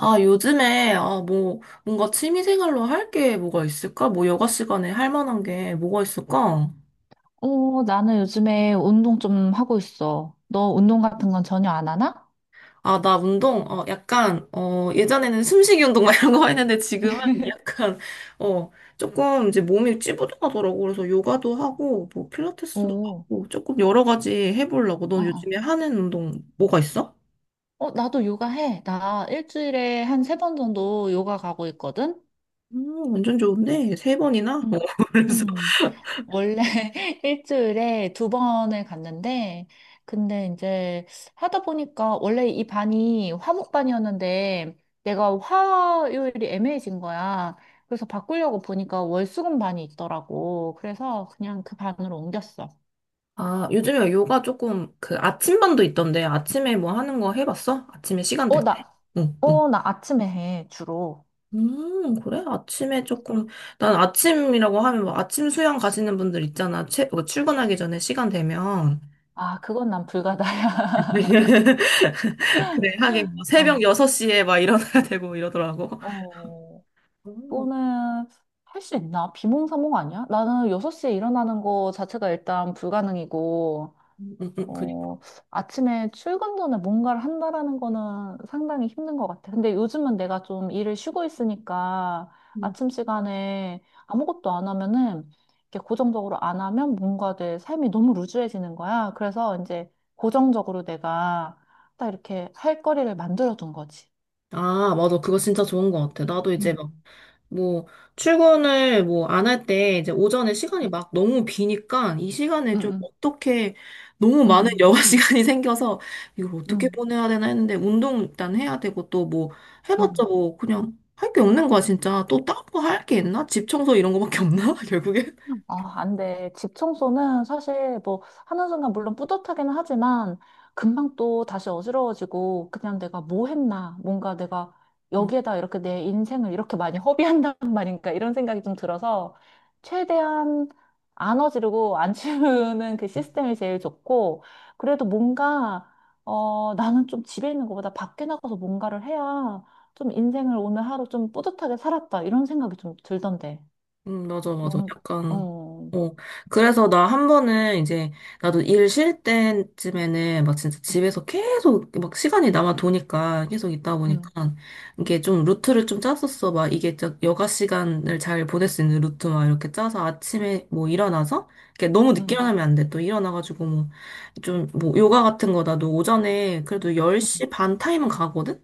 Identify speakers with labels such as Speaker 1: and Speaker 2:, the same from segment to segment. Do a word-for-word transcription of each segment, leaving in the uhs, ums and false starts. Speaker 1: 아, 요즘에, 아, 뭐, 뭔가 취미생활로 할 게 뭐가 있을까? 뭐, 여가 시간에 할 만한 게 뭐가 있을까?
Speaker 2: 어, 나는 요즘에 운동 좀 하고 있어. 너 운동 같은 건 전혀 안 하나?
Speaker 1: 아, 나 운동, 어, 약간, 어, 예전에는 숨쉬기 운동 막 이런 거 했는데 지금은 약간, 어, 조금 이제 몸이 찌뿌둥하더라고. 그래서 요가도 하고, 뭐, 필라테스도
Speaker 2: 오,
Speaker 1: 하고, 조금 여러 가지 해보려고.
Speaker 2: 어,
Speaker 1: 넌
Speaker 2: 어.
Speaker 1: 요즘에 하는 운동 뭐가 있어?
Speaker 2: 어, 나도 요가 해. 나 일주일에 한 세 번 정도 요가 가고 있거든?
Speaker 1: 음, 완전 좋은데? 세 번이나? 어,
Speaker 2: 응.
Speaker 1: 그래서.
Speaker 2: 음, 원래 일주일에 두 번을 갔는데, 근데 이제 하다 보니까 원래 이 반이 화목반이었는데, 내가 화요일이 애매해진 거야. 그래서 바꾸려고 보니까 월수금 반이 있더라고. 그래서 그냥 그 반으로 옮겼어.
Speaker 1: 아, 요즘에 요가 조금 그 아침반도 있던데 아침에 뭐 하는 거 해봤어? 아침에 시간
Speaker 2: 어,
Speaker 1: 될 때?
Speaker 2: 나,
Speaker 1: 응, 응.
Speaker 2: 어, 나 아침에 해, 주로.
Speaker 1: 음, 그래? 아침에 조금, 난 아침이라고 하면 뭐 아침 수영 가시는 분들 있잖아. 채, 뭐 출근하기 전에 시간 되면.
Speaker 2: 아, 그건 난 불가다야.
Speaker 1: 그래, 하긴 뭐 새벽
Speaker 2: 어,
Speaker 1: 여섯 시에 막 일어나야 되고 이러더라고.
Speaker 2: 어,
Speaker 1: 오,
Speaker 2: 그거는 할 수 있나? 비몽사몽 아니야? 나는 여섯 시 일어나는 거 자체가 일단 불가능이고,
Speaker 1: 음, 음, 음, 그래.
Speaker 2: 어, 아침에 출근 전에 뭔가를 한다라는 거는 상당히 힘든 것 같아. 근데 요즘은 내가 좀 일을 쉬고 있으니까
Speaker 1: 음.
Speaker 2: 아침 시간에 아무것도 안 하면은, 이렇게 고정적으로 안 하면 뭔가 내 삶이 너무 루즈해지는 거야. 그래서 이제 고정적으로 내가 딱 이렇게 할 거리를 만들어둔 거지.
Speaker 1: 아, 맞아. 그거 진짜 좋은 것 같아. 나도 이제 막
Speaker 2: 음,
Speaker 1: 뭐, 출근을 뭐 안 할 때 이제 오전에 시간이
Speaker 2: 음,
Speaker 1: 막 너무 비니까 이 시간에 좀
Speaker 2: 음,
Speaker 1: 어떻게 너무 많은 여가
Speaker 2: 음,
Speaker 1: 시간이 생겨서 이걸
Speaker 2: 음,
Speaker 1: 어떻게
Speaker 2: 음.
Speaker 1: 보내야 되나 했는데 운동 일단 해야 되고 또 뭐 해봤자
Speaker 2: 음.
Speaker 1: 뭐 그냥 할 게 없는 거야, 진짜. 또 다른 거 할 게 있나? 집 청소 이런 거밖에 없나? 결국엔.
Speaker 2: 아, 안 돼. 집 청소는 사실 뭐는순간 물론 뿌듯하기는 하지만 금방 또 다시 어지러워지고, 그냥 내가 뭐 했나, 뭔가 내가 여기에다 이렇게 내 인생을 이렇게 많이 허비한단 말인가 이런 생각이 좀 들어서 최대한 안 어지르고 안 치우는 그 시스템이 제일 좋고. 그래도 뭔가 어 나는 좀 집에 있는 것보다 밖에 나가서 뭔가를 해야 좀 인생을 오늘 하루 좀 뿌듯하게 살았다 이런 생각이 좀 들던데.
Speaker 1: 음, 맞아, 맞아.
Speaker 2: 너는?
Speaker 1: 약간,
Speaker 2: 어.
Speaker 1: 어. 그래서 나 한 번은 이제, 나도 일 쉴 때쯤에는 막 진짜 집에서 계속 막 시간이 남아 도니까, 계속 있다
Speaker 2: 응,
Speaker 1: 보니까, 이게 좀 루트를 좀 짰었어. 막 이게 저 여가 시간을 잘 보낼 수 있는 루트 막 이렇게 짜서 아침에 뭐 일어나서, 이렇게 너무 늦게
Speaker 2: 응,
Speaker 1: 일어나면 안 돼. 또 일어나가지고 뭐, 좀 뭐 요가 같은 거 나도 오전에 그래도
Speaker 2: 응,
Speaker 1: 열 시 반 타임은 가거든?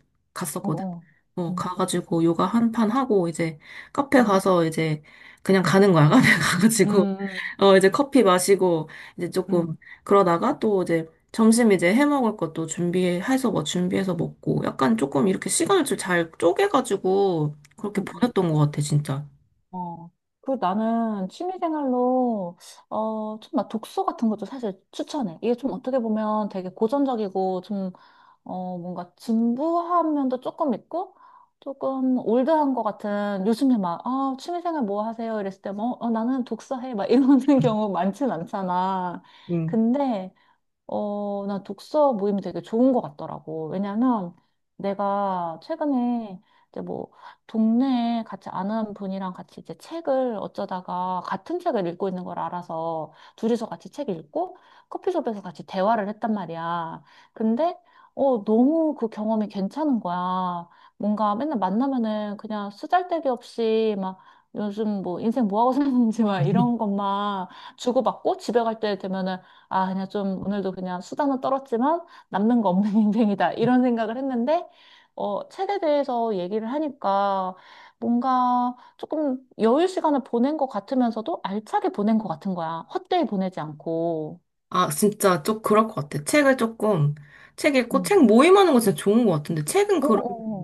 Speaker 2: 어,
Speaker 1: 갔었거든?
Speaker 2: 어,
Speaker 1: 어,
Speaker 2: 응,
Speaker 1: 가가지고 요가 한 판 하고 이제 카페
Speaker 2: 응,
Speaker 1: 가서 이제 그냥 가는 거야. 카페 가가지고
Speaker 2: 응, 응,
Speaker 1: 어, 이제 커피 마시고 이제
Speaker 2: 응,
Speaker 1: 조금 그러다가 또 이제 점심 이제 해 먹을 것도 준비해서 뭐 준비해서 먹고 약간 조금 이렇게 시간을 좀 잘 쪼개가지고 그렇게
Speaker 2: 응. 응.
Speaker 1: 보냈던 것 같아, 진짜.
Speaker 2: 어. 그리고 나는 취미생활로, 어, 좀 막 독서 같은 것도 사실 추천해. 이게 좀 어떻게 보면 되게 고전적이고, 좀, 어, 뭔가 진부한 면도 조금 있고, 조금 올드한 것 같은, 요즘에 막, 아, 취미생활 뭐 하세요? 이랬을 때, 뭐, 어, 나는 독서해. 막 이러는 경우 많진 않잖아.
Speaker 1: 음.
Speaker 2: 근데, 어, 나 독서 모임이 되게 좋은 것 같더라고. 왜냐면 내가 최근에 이제 뭐 동네에 같이 아는 분이랑 같이 이제 책을 어쩌다가 같은 책을 읽고 있는 걸 알아서 둘이서 같이 책 읽고 커피숍에서 같이 대화를 했단 말이야. 근데 어, 너무 그 경험이 괜찮은 거야. 뭔가 맨날 만나면은 그냥 수잘데기 없이 막 요즘 뭐 인생 뭐 하고 사는지 막 이런 것만 주고받고 집에 갈 때 되면은 아, 그냥 좀 오늘도 그냥 수단은 떨었지만 남는 거 없는 인생이다, 이런 생각을 했는데, 어, 책에 대해서 얘기를 하니까 뭔가 조금 여유 시간을 보낸 것 같으면서도 알차게 보낸 것 같은 거야. 헛되이 보내지 않고.
Speaker 1: 아, 진짜 좀 그럴 것 같아. 책을 조금, 책 읽고,
Speaker 2: 응.
Speaker 1: 책 모임하는 거 진짜 좋은 것 같은데. 책은
Speaker 2: 어, 어,
Speaker 1: 그럼,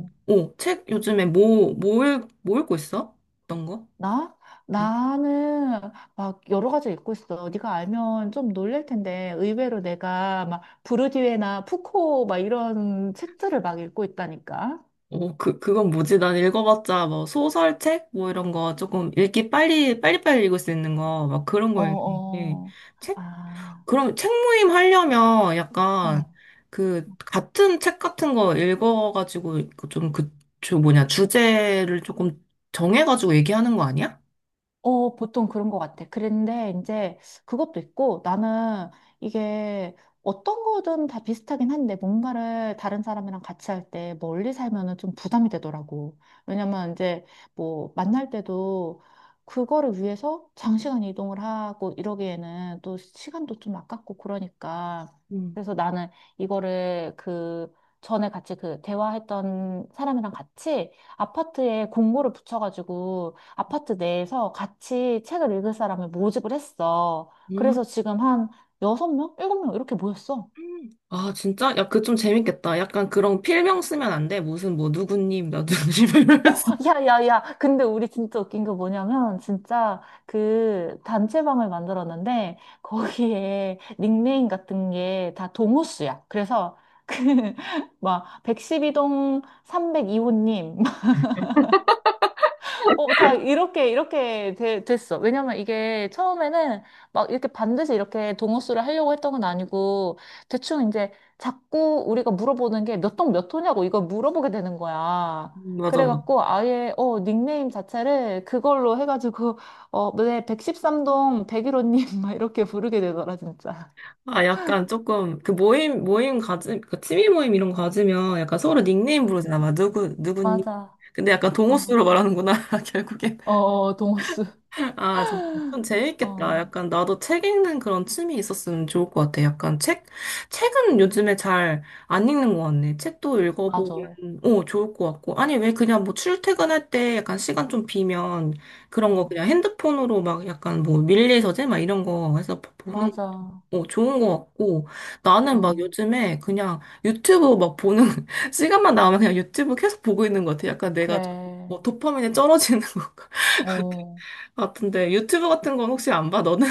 Speaker 2: 어.
Speaker 1: 오, 책 요즘에 뭐, 뭐, 읽, 뭐 읽고 있어? 어떤 거?
Speaker 2: 나? 나는 막 여러 가지 읽고 있어. 네가 알면 좀 놀랄 텐데 의외로 내가 막 부르디외나 푸코 막 이런 책들을 막 읽고 있다니까.
Speaker 1: 어, 그, 그건 뭐지? 난 읽어봤자, 뭐, 소설책? 뭐, 이런 거, 조금, 읽기 빨리, 빨리빨리 읽을 수 있는 거, 막 그런
Speaker 2: 어,
Speaker 1: 거 읽는데,
Speaker 2: 어.
Speaker 1: 책?
Speaker 2: 아.
Speaker 1: 그럼 책 모임 하려면
Speaker 2: 어,
Speaker 1: 약간, 그, 같은 책 같은 거 읽어가지고, 그 좀 그, 저 뭐냐, 주제를 조금 정해가지고 얘기하는 거 아니야?
Speaker 2: 어, 보통 그런 것 같아. 그런데 이제 그것도 있고 나는, 이게 어떤 거든 다 비슷하긴 한데 뭔가를 다른 사람이랑 같이 할 때 멀리 살면은 좀 부담이 되더라고. 왜냐면 이제 뭐 만날 때도 그거를 위해서 장시간 이동을 하고 이러기에는 또 시간도 좀 아깝고 그러니까.
Speaker 1: 음.
Speaker 2: 그래서 나는 이거를, 그 전에 같이 그 대화했던 사람이랑 같이 아파트에 공고를 붙여가지고 아파트 내에서 같이 책을 읽을 사람을 모집을 했어.
Speaker 1: 음.
Speaker 2: 그래서 지금 한 여섯 명 일곱 명 이렇게 모였어.
Speaker 1: 아, 진짜? 야, 그 좀 재밌겠다. 약간 그런 필명 쓰면 안 돼. 무슨, 뭐, 누구님, 나 누구님
Speaker 2: 어,
Speaker 1: 이러면서.
Speaker 2: 야, 야, 야. 근데 우리 진짜 웃긴 게 뭐냐면, 진짜 그 단체방을 만들었는데, 거기에 닉네임 같은 게 다 동호수야. 그래서 그, 막, 백십이 동 삼백이 호님, 어, 다 이렇게, 이렇게 돼- 됐어. 왜냐면 이게 처음에는 막 이렇게 반드시 이렇게 동호수를 하려고 했던 건 아니고, 대충 이제 자꾸 우리가 물어보는 게 몇 동 몇 호냐고, 이걸 물어보게 되는 거야.
Speaker 1: 맞아, 맞아.
Speaker 2: 그래갖고 아예, 어, 닉네임 자체를 그걸로 해가지고, 어, 네, 백십삼 동 백일 호님 막 이렇게 부르게 되더라, 진짜.
Speaker 1: 아, 약간 조금, 그 모임, 모임 가지, 그 취미 모임 이런 거 가지면 약간 서로 닉네임 부르잖아. 막 누구, 누구니?
Speaker 2: 맞아.
Speaker 1: 근데 약간
Speaker 2: 어,
Speaker 1: 동호수로 말하는구나, 결국엔.
Speaker 2: 어, 어, 동호수.
Speaker 1: 아, 진짜 좀 재밌겠다.
Speaker 2: 어,
Speaker 1: 약간 나도 책 읽는 그런 취미 있었으면 좋을 것 같아. 약간 책, 책은 요즘에 잘 안 읽는 것 같네. 책도
Speaker 2: 맞아. 어,
Speaker 1: 읽어보면, 오, 좋을 것 같고. 아니, 왜 그냥 뭐 출퇴근할 때 약간 시간 좀 비면 그런 거 그냥 핸드폰으로 막 약간 뭐 밀리서재 막 이런 거 해서 보는
Speaker 2: 맞아.
Speaker 1: 어, 좋은 것 같고, 나는 막
Speaker 2: 어,
Speaker 1: 요즘에 그냥 유튜브 막 보는, 시간만 나오면 그냥 유튜브 계속 보고 있는 것 같아. 약간 내가 좀,
Speaker 2: 그래.
Speaker 1: 뭐, 도파민이 쩔어지는 것
Speaker 2: 어.
Speaker 1: 같은데, 유튜브 같은 건 혹시 안 봐, 너는?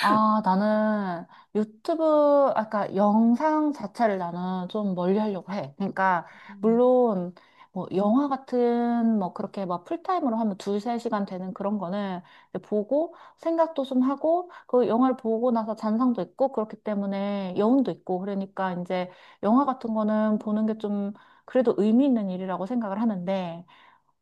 Speaker 2: 아, 나는 유튜브, 아까 영상 자체를 나는 좀 멀리 하려고 해. 그러니까,
Speaker 1: 음,
Speaker 2: 물론, 뭐, 영화 같은, 뭐, 그렇게 막 풀타임으로 하면 두세 시간 되는 그런 거는 이제 보고, 생각도 좀 하고, 그 영화를 보고 나서 잔상도 있고, 그렇기 때문에 여운도 있고, 그러니까 이제 영화 같은 거는 보는 게 좀 그래도 의미 있는 일이라고 생각을 하는데,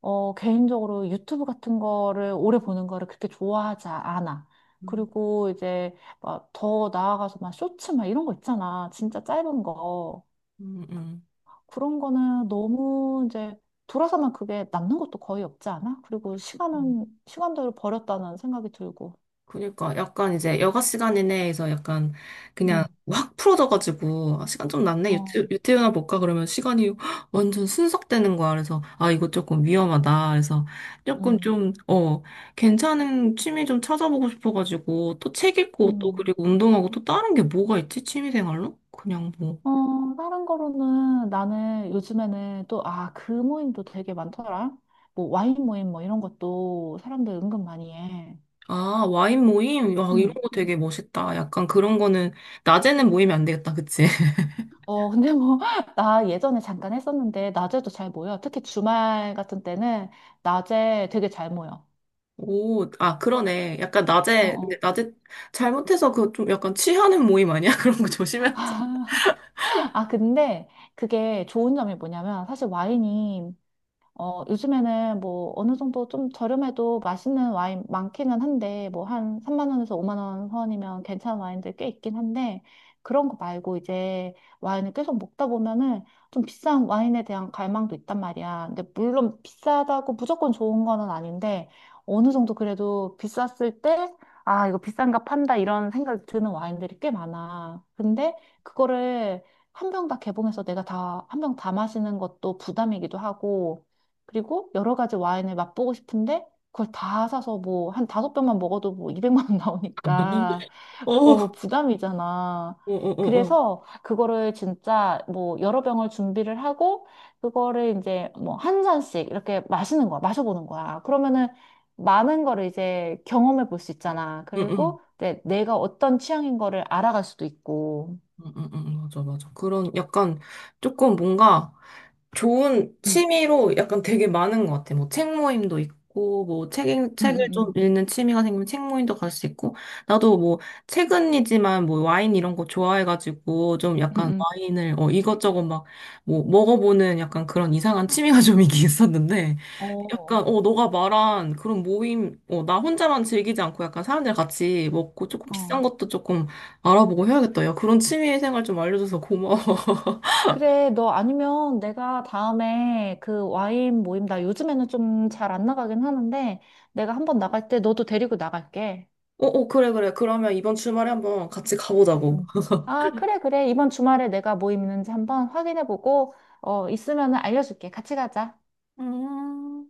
Speaker 2: 어, 개인적으로 유튜브 같은 거를 오래 보는 거를 그렇게 좋아하지 않아.
Speaker 1: 음,
Speaker 2: 그리고 이제 막 더 나아가서 막 쇼츠 막 이런 거 있잖아. 진짜 짧은 거.
Speaker 1: 음,
Speaker 2: 그런 거는 너무 이제 돌아서면 그게 남는 것도 거의 없지 않아? 그리고
Speaker 1: 음.
Speaker 2: 시간은 시간대로 버렸다는 생각이 들고.
Speaker 1: 그러니까 약간 이제 여가 시간 이내에서 약간 그냥
Speaker 2: 음,
Speaker 1: 확 풀어져가지고 아, 시간 좀 났네 유튜,
Speaker 2: 어,
Speaker 1: 유튜브나 볼까 그러면 시간이 헉, 완전 순삭되는 거야. 그래서 아 이거 조금 위험하다. 그래서 조금
Speaker 2: 음,
Speaker 1: 좀 어 괜찮은 취미 좀 찾아보고 싶어가지고 또 책 읽고 또
Speaker 2: 음.
Speaker 1: 그리고 운동하고 또 다른 게 뭐가 있지? 취미 생활로 그냥 뭐
Speaker 2: 어, 다른 거로는 나는 요즘에는 또, 아, 그 모임도 되게 많더라. 뭐 와인 모임 뭐 이런 것도 사람들 은근 많이 해.
Speaker 1: 아 와인 모임 와 이런
Speaker 2: 음.
Speaker 1: 거
Speaker 2: 음.
Speaker 1: 되게 멋있다. 약간 그런 거는 낮에는 모이면 안 되겠다, 그치?
Speaker 2: 어, 근데 뭐, 나 예전에 잠깐 했었는데, 낮에도 잘 모여. 특히 주말 같은 때는 낮에 되게 잘 모여.
Speaker 1: 오, 아, 그러네. 약간
Speaker 2: 어,
Speaker 1: 낮에, 근데
Speaker 2: 어.
Speaker 1: 낮에 잘못해서 그 좀 약간 취하는 모임 아니야? 그런 거 조심해야 되지
Speaker 2: 아, 근데 그게 좋은 점이 뭐냐면, 사실 와인이, 어, 요즘에는 뭐 어느 정도 좀 저렴해도 맛있는 와인 많기는 한데, 뭐 한 삼만 원에서 오만 원 선이면 괜찮은 와인들 꽤 있긴 한데, 그런 거 말고 이제 와인을 계속 먹다 보면은 좀 비싼 와인에 대한 갈망도 있단 말이야. 근데 물론 비싸다고 무조건 좋은 거는 아닌데 어느 정도 그래도 비쌌을 때, 아, 이거 비싼가 판다 이런 생각이 드는 와인들이 꽤 많아. 근데 그거를 한 병 다 개봉해서 내가 다, 한 병 다 마시는 것도 부담이기도 하고, 그리고 여러 가지 와인을 맛보고 싶은데 그걸 다 사서 뭐 한 다섯 병만 먹어도 뭐 이백만 원
Speaker 1: 않아?
Speaker 2: 나오니까
Speaker 1: 어,
Speaker 2: 어
Speaker 1: 어,
Speaker 2: 부담이잖아.
Speaker 1: 어, 어, 어.
Speaker 2: 그래서 그거를 진짜 뭐 여러 병을 준비를 하고 그거를 이제 뭐 한 잔씩 이렇게 마시는 거야. 마셔보는 거야. 그러면은 많은 거를 이제 경험해 볼 수 있잖아.
Speaker 1: 응, 응.
Speaker 2: 그리고 이제 내가 어떤 취향인 거를 알아갈 수도 있고.
Speaker 1: 응, 응, 응, 맞아, 맞아. 그런 약간 조금 뭔가 좋은
Speaker 2: 응,
Speaker 1: 취미로 약간 되게 많은 것 같아. 뭐 책 모임도 있고, 뭐 책,
Speaker 2: 응, 응,
Speaker 1: 책을 좀
Speaker 2: 응,
Speaker 1: 읽는 취미가 생기면 책 모임도 갈 수 있고, 나도 뭐 최근이지만 뭐 와인 이런 거 좋아해가지고 좀
Speaker 2: 응.
Speaker 1: 약간
Speaker 2: 응.
Speaker 1: 와인을 어, 이것저것 막 뭐 먹어보는 약간 그런 이상한 취미가 좀 있긴 있었는데,
Speaker 2: 어,
Speaker 1: 약간 어 너가 말한 그런 모임, 어 나 혼자만 즐기지 않고 약간 사람들 같이 먹고 조금 비싼
Speaker 2: 어.
Speaker 1: 것도 조금 알아보고 해야겠다. 야 그런 취미 생활 좀 알려줘서 고마워.
Speaker 2: 그래, 너 아니면 내가 다음에 그 와인 모임, 나 요즘에는 좀 잘 안 나가긴 하는데, 내가 한번 나갈 때 너도 데리고 나갈게.
Speaker 1: 어, 어, 그래, 그래. 그러면 이번 주말에 한번 같이 가보자고.
Speaker 2: 음. 아, 그래, 그래. 이번 주말에 내가 모임 있는지 한번 확인해보고, 어, 있으면 알려줄게. 같이 가자.
Speaker 1: 음.